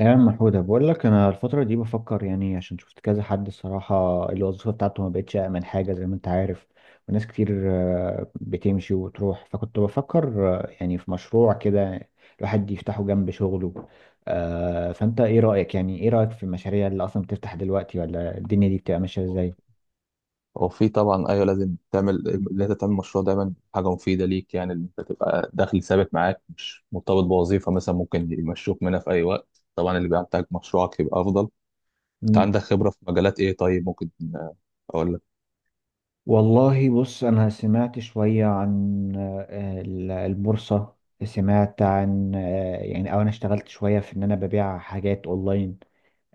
يا عم حودة بقول لك انا الفتره دي بفكر عشان شفت كذا حد الصراحه. الوظيفه بتاعته ما بقتش امن حاجه زي ما انت عارف، وناس كتير بتمشي وتروح. فكنت بفكر في مشروع كده الواحد يفتحه جنب شغله. فانت ايه رايك؟ يعني ايه رايك في المشاريع اللي اصلا بتفتح دلوقتي، ولا الدنيا دي بتبقى ماشيه أو- ازاي؟ وفي طبعا ايوه، لازم تعمل اللي انت تعمل مشروع دايما. حاجه مفيده ليك يعني، اللي انت تبقى دخل ثابت معاك مش مرتبط بوظيفه مثلا ممكن يمشوك منها في اي وقت. طبعا اللي بيحتاج مشروعك يبقى افضل. انت مم. عندك خبره في مجالات ايه طيب؟ ممكن آه، اقول لك. والله بص، أنا سمعت شوية عن البورصة، سمعت عن آه، يعني أو أنا اشتغلت شوية في إن أنا ببيع حاجات أونلاين.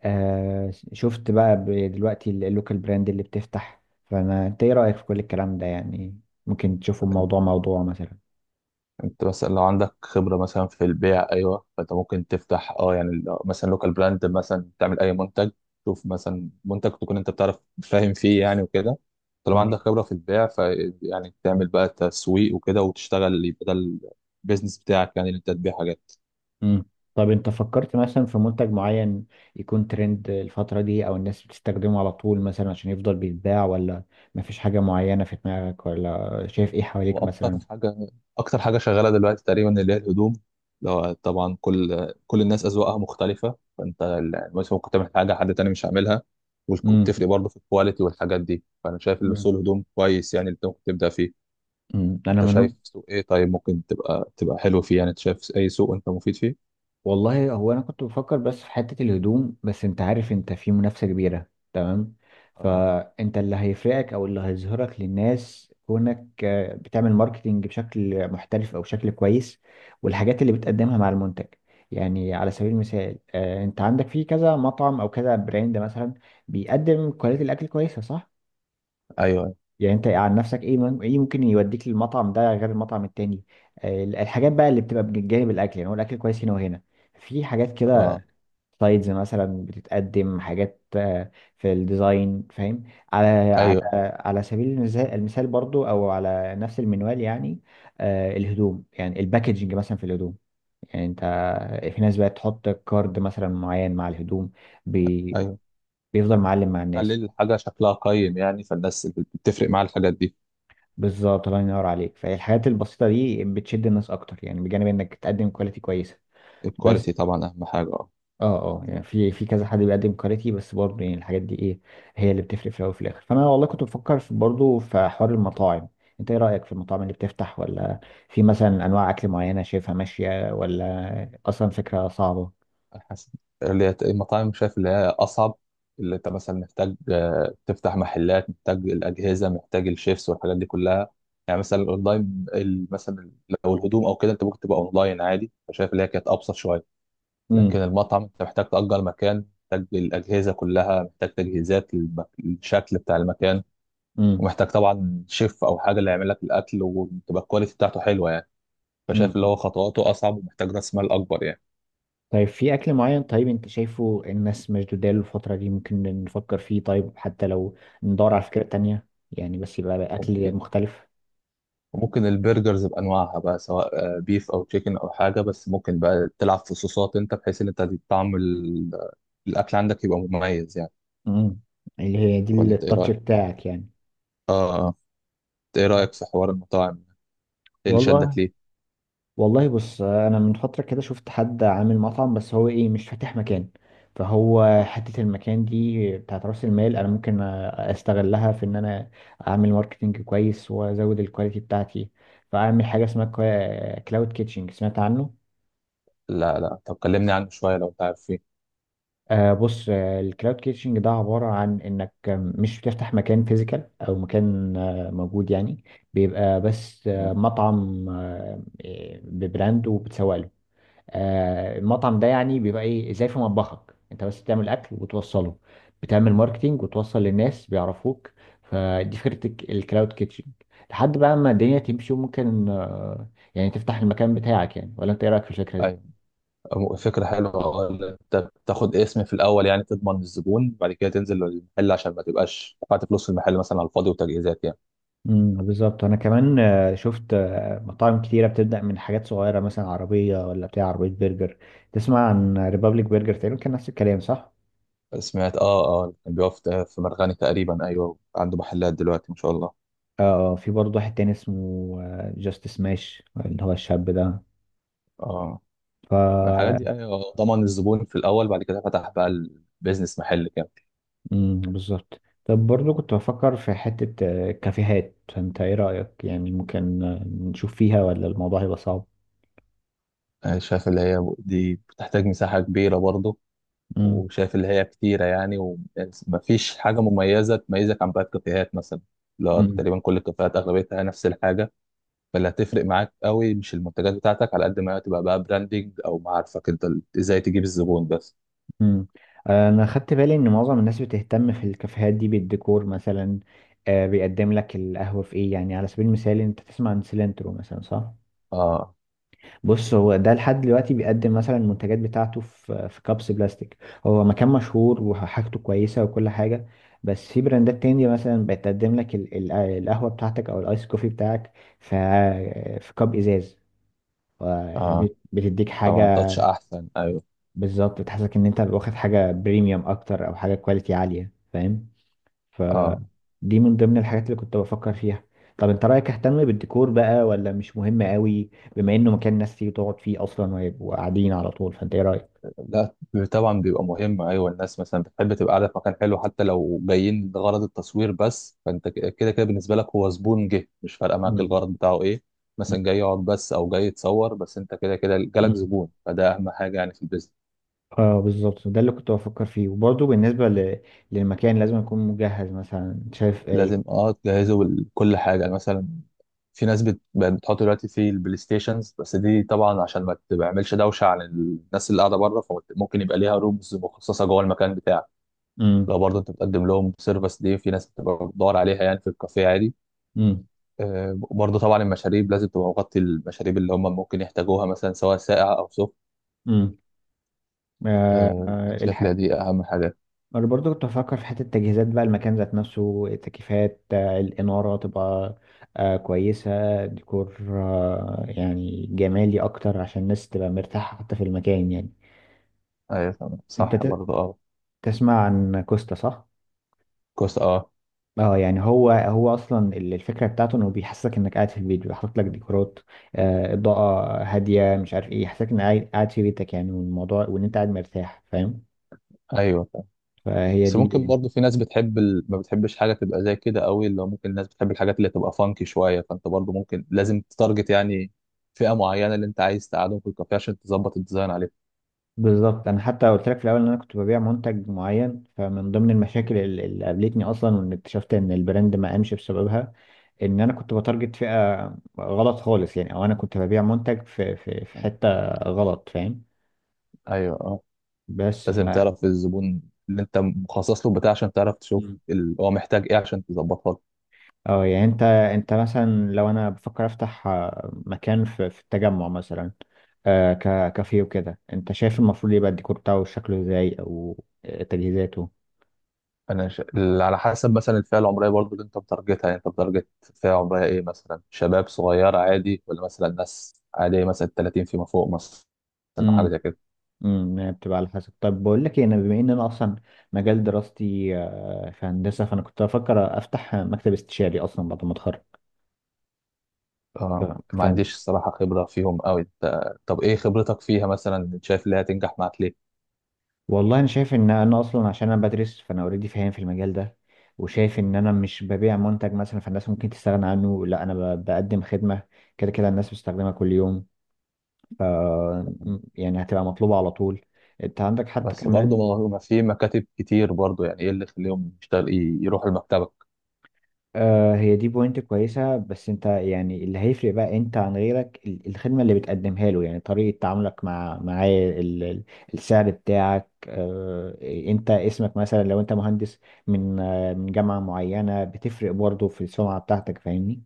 آه شفت بقى دلوقتي اللوكال براند اللي بتفتح. انت ايه رأيك في كل الكلام ده يعني؟ ممكن تشوفه آه، موضوع مثلا؟ انت مثلا لو عندك خبرة مثلا في البيع ايوه، فانت ممكن تفتح مثلا لوكال براند مثلا، تعمل اي منتج. شوف مثلا منتج تكون انت بتعرف فاهم فيه يعني وكده. طالما تمام. عندك خبرة في البيع، ف يعني تعمل بقى تسويق وكده وتشتغل، يبقى ده البيزنس بتاعك يعني، اللي انت تبيع حاجات. امم. طب انت فكرت مثلا في منتج معين يكون ترند الفترة دي او الناس بتستخدمه على طول مثلا عشان يفضل بيتباع، ولا مفيش حاجة معينة في دماغك ولا شايف ايه هو حواليك اكتر مثلا؟ حاجه اكتر حاجه شغاله دلوقتي تقريبا اللي هي الهدوم. لو طبعا كل الناس اذواقها مختلفه، فانت مثلا ممكن تعمل حاجه حد تاني مش هيعملها. امم. وبتفرق برضه في الكواليتي والحاجات دي. فانا شايف ان سوق الهدوم كويس يعني اللي انت ممكن تبدا فيه. انا انت من شايف سوق ايه طيب ممكن تبقى حلو فيه يعني؟ انت شايف اي سوق انت مفيد فيه؟ والله هو انا كنت بفكر بس في حتة الهدوم، بس انت عارف انت في منافسة كبيرة. تمام. اه. فانت اللي هيفرقك او اللي هيظهرك للناس كونك بتعمل ماركتينج بشكل محترف او بشكل كويس، والحاجات اللي بتقدمها مع المنتج. يعني على سبيل المثال، انت عندك في كذا مطعم او كذا براند مثلا بيقدم كواليتي الاكل كويسة، صح؟ ايوه. يعني انت عن نفسك ايه ممكن يوديك للمطعم ده غير المطعم التاني؟ الحاجات بقى اللي بتبقى بجانب الاكل، يعني هو الاكل كويس هنا وهنا، في حاجات اه. كده. سلايدز مثلا، بتتقدم حاجات في الديزاين، فاهم؟ على على ايوه. على سبيل المثال برضو، او على نفس المنوال يعني. الهدوم، يعني الباكجنج مثلا في الهدوم، يعني انت في ناس بقت تحط كارد مثلا معين مع الهدوم بي ايوه، بيفضل معلم مع خلي الناس. الحاجه شكلها قيم يعني، فالناس بتفرق معاها الحاجات دي. بالظبط، الله ينور عليك. فالحاجات البسيطة دي بتشد الناس اكتر، يعني بجانب انك تقدم كواليتي كويسة. بس. الكواليتي طبعا اهم حاجه، اه. اه. اه يعني في كذا حد بيقدم كاريتي، بس برضه يعني الحاجات دي ايه هي اللي بتفرق في الاول وفي الاخر. فانا والله كنت بفكر في برضه في حوار المطاعم. انت ايه رايك في المطاعم اللي بتفتح؟ ولا في مثلا انواع اكل معينه شايفها ماشيه، ولا اصلا فكره صعبه؟ حسن، اللي هي المطاعم شايف اللي هي اصعب. اللي انت مثلا محتاج تفتح محلات، محتاج الاجهزه، محتاج الشيفس والحاجات دي كلها. يعني مثلا الاونلاين مثلا، لو الهدوم او كده انت ممكن تبقى اونلاين عادي، فشايف اللي هي كانت ابسط شويه. لكن امم. المطعم انت محتاج تأجر مكان، محتاج الاجهزه كلها، محتاج تجهيزات للشكل بتاع المكان، امم. ومحتاج طبعا شيف او حاجه اللي يعمل لك الاكل وتبقى الكواليتي بتاعته حلوه يعني. فشايف اللي امم. هو خطواته اصعب ومحتاج راس مال اكبر يعني. طيب في اكل معين طيب انت شايفه الناس مشدوده له الفتره دي، ممكن نفكر فيه؟ طيب حتى لو ندور على فكره تانية يعني، بس يبقى اكل ممكن. مختلف. وممكن البرجرز بانواعها بقى، سواء بيف او تشيكن او حاجه، بس ممكن بقى تلعب في صوصات انت، بحيث ان انت طعم الاكل عندك يبقى مميز يعني. امم. اللي هي دي ولا انت ايه التاتش رايك؟ بتاعك يعني. اه. آه. انت ايه رايك في حوار المطاعم؟ ايه اللي والله شدك ليه؟ والله بص، انا من فتره كده شفت حد عامل مطعم، بس هو ايه، مش فاتح مكان. فهو حته المكان دي بتاعت راس المال، انا ممكن استغلها في ان انا اعمل ماركتنج كويس وازود الكواليتي بتاعتي، فاعمل حاجه اسمها كلاود كيتشنج، سمعت عنه؟ لا لا، طب كلمني عنه شويه لو انت عارف فيه. آه بص، الكلاود كيتشنج ده عباره عن انك مش بتفتح مكان فيزيكال او مكان موجود يعني، بيبقى بس تمام. مطعم ببراند وبتسوق له. المطعم ده يعني بيبقى ايه، زي في مطبخك انت بس بتعمل اكل وتوصله، بتعمل ماركتينج وتوصل للناس بيعرفوك. فدي فكرة الكلاود كيتشن، لحد بقى ما الدنيا تمشي وممكن تفتح المكان بتاعك يعني. ولا انت ايه رأيك في الفكرة دي؟ ايوه، فكره حلوه، اه، إن انت بتاخد اسم في الاول يعني، تضمن الزبون بعد كده تنزل المحل، عشان ما تبقاش دفعت فلوس في المحل مثلا على الفاضي وتجهيزات يعني. بالظبط. انا كمان شفت مطاعم كتيره بتبدا من حاجات صغيره، مثلا عربيه، ولا بتاع عربيه برجر. تسمع عن ريبابليك برجر؟ تقريبا كان نفس الكلام، صح؟ سمعت، اه اه كان بيقف في مرغني تقريبا، ايوه عنده محلات دلوقتي ما شاء الله. اه. في برضه واحد تاني اسمه جاست سماش، اللي هو الشاب اه. الحاجات ده. دي أيوة، ضمن الزبون في الاول بعد كده فتح بقى البيزنس محل كامل. بالظبط. طب برضو كنت بفكر في حتة كافيهات، فانت ايه رأيك؟ يعني ممكن نشوف فيها، ولا الموضوع هيبقى صعب؟ شايف اللي هي دي بتحتاج مساحه كبيره برضه، امم. وشايف اللي هي كتيره يعني، ومفيش حاجه مميزه تميزك عن باقي الكافيهات مثلا. لا امم. تقريبا كل الكافيهات اغلبيتها نفس الحاجه. فاللي هتفرق معاك قوي مش المنتجات بتاعتك، على قد ما تبقى بقى براندنج او معارفك انت، ازاي تجيب الزبون بس. امم. انا خدت بالي ان معظم الناس بتهتم في الكافيهات دي بالديكور مثلا. بيقدم لك القهوة في ايه يعني؟ على سبيل المثال انت تسمع عن سيلنترو مثلا، صح؟ اه. بص، هو ده لحد دلوقتي بيقدم مثلا المنتجات بتاعته في كابس بلاستيك. هو مكان مشهور وحاجته كويسة وكل حاجة، بس في براندات تانية مثلا بتقدم لك القهوة بتاعتك أو الآيس كوفي بتاعك في في كاب إزاز، اه ودي بتديك طبعا، حاجة. تاتش احسن، ايوه. بالظبط، بتحسسك إن أنت واخد حاجة بريميوم أكتر، أو حاجة كواليتي عالية، فاهم؟ اه. فدي من ضمن الحاجات اللي كنت بفكر فيها. طب انت رأيك اهتم بالديكور بقى، ولا مش مهم قوي؟ بما انه مكان ناس تيجي تقعد فيه اصلا ويبقوا قاعدين على طول، فانت ايه رأيك؟ لا طبعا بيبقى مهم، ايوه الناس مثلا بتحب تبقى قاعده في مكان حلو حتى لو جايين لغرض التصوير بس. فانت كده كده بالنسبه لك هو زبون جه، مش فارقه معاك مم. الغرض بتاعه ايه. مثلا جاي يقعد بس او جاي يتصور بس، انت كده كده جالك مم. زبون، فده اهم حاجه يعني في البيزنس. اه بالظبط، ده اللي كنت بفكر فيه. وبرضه بالنسبة للمكان، لازم يكون مجهز مثلا، شايف ايه؟ لازم اه تجهزه لكل حاجه يعني. مثلا في ناس بقت بتحط دلوقتي في البلاي ستيشنز، بس دي طبعا عشان ما تعملش دوشه على الناس اللي قاعده بره، فممكن يبقى ليها رومز مخصصه جوه المكان بتاعك. امم. لو برضه انت بتقدم لهم سيرفيس دي في ناس بتبقى بتدور عليها يعني في الكافيه عادي. امم. وبرضه طبعا المشاريب لازم تبقى مغطي المشاريب اللي هم ممكن يحتاجوها مثلا، سواء ساقعة او سخن. امم. انا شايف ان دي اهم حاجة. انا برضو كنت بفكر في حته التجهيزات بقى، المكان ذات نفسه، التكييفات، الاناره تبقى كويسه، ديكور يعني جمالي اكتر عشان الناس تبقى مرتاحه حتى في المكان يعني. ايوه تمام انت صح ت- برضه، اه. تسمع عن كوستا، صح؟ كويس، اه. اه يعني هو اصلا الفكره بتاعته انه بيحسسك انك قاعد في البيت، بيحط لك ديكورات، اضاءه هاديه، مش عارف ايه، يحسسك انك قاعد في بيتك يعني، والموضوع وان انت قاعد مرتاح، فاهم؟ ايوه تمام. فهي بس ممكن دي. برضه في ناس ما بتحبش حاجة تبقى زي كده قوي، اللي هو ممكن الناس بتحب الحاجات اللي تبقى فانكي شوية. فانت برضه ممكن لازم تتارجت يعني فئة معينة اللي انت عايز تقعدهم في الكافيه، عشان تظبط الديزاين عليهم. بالظبط. انا حتى قلت لك في الاول ان انا كنت ببيع منتج معين، فمن ضمن المشاكل اللي قابلتني اصلا وان اكتشفت ان البراند ما قامش بسببها ان انا كنت بتارجت فئه غلط خالص يعني، او انا كنت ببيع منتج في آه، حته غلط، فاهم؟ ايوه. آه. بس لازم ف تعرف الزبون اللي انت مخصص له بتاع، عشان تعرف تشوف مم. هو محتاج ايه عشان تظبطها له. اه يعني انت مثلا لو انا بفكر افتح مكان في التجمع مثلا، كافيه وكده، انت شايف المفروض يبقى الديكور بتاعه شكله ازاي، او تجهيزاته؟ على حسب مثلا الفئه العمريه برضو اللي انت متارجتها. يعني انت متارجت فئه عمريه ايه؟ مثلا شباب صغير عادي، ولا مثلا ناس عاديه مثلا 30 فيما فوق مثلا، او حاجه زي كده. هي بتبقى على حسب. طب بقول لك إيه، انا بما ان انا اصلا مجال دراستي في هندسه، فانا كنت بفكر افتح مكتب استشاري اصلا بعد ما اتخرج. ف... اه ما ف... عنديش الصراحه خبره فيهم قوي انت. طب ايه خبرتك فيها مثلا؟ شايف اللي هتنجح معاك ليه؟ والله انا شايف ان انا اصلا عشان انا بدرس فانا اوريدي فاهم في المجال ده، وشايف ان انا مش ببيع منتج مثلا فالناس ممكن تستغنى عنه، لا انا بقدم خدمه، كده كده الناس بتستخدمها كل يوم. ف... يعني هتبقى مطلوبه على طول. انت عندك حتى بس كمان. برضو ما في مكاتب كتير برضو، يعني ايه اللي يخليهم يروحوا لمكتبك؟ آه هي دي بوينت كويسة. بس انت يعني اللي هيفرق بقى انت عن غيرك الخدمة اللي بتقدمها له، يعني طريقة تعاملك مع معاه، السعر بتاعك، آه. انت اسمك مثلا لو انت مهندس من من جامعة معينة، بتفرق برضه في السمعة بتاعتك، فاهمني؟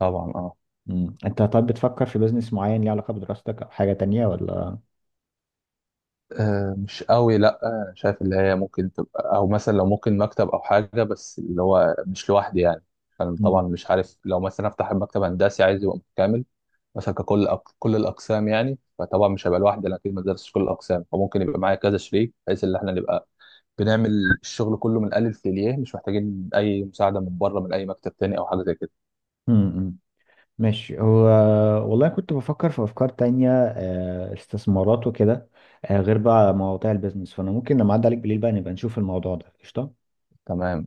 طبعا، اه. مم. انت طب بتفكر في بزنس معين ليه علاقة بدراستك او حاجة تانية، ولا؟ مش قوي، لا. شايف اللي هي ممكن تبقى، او مثلا لو ممكن مكتب او حاجه، بس اللي هو مش لوحدي يعني. انا طبعا مم. مش عارف، لو مثلا افتح مكتب هندسي عايز يبقى متكامل مثلا، كل الاقسام يعني، فطبعا مش هبقى لوحدي، انا اكيد ما درستش كل الاقسام، فممكن يبقى معايا كذا شريك، بحيث ان احنا نبقى بنعمل الشغل كله من الالف للياء، مش محتاجين اي مساعده من بره من اي مكتب تاني او حاجه زي كده. مم، ماشي. هو والله كنت بفكر في أفكار تانية، استثمارات وكده، غير بقى مواضيع البيزنس. فأنا ممكن لما أعدي عليك بالليل بقى نبقى نشوف الموضوع ده. قشطة. تمام.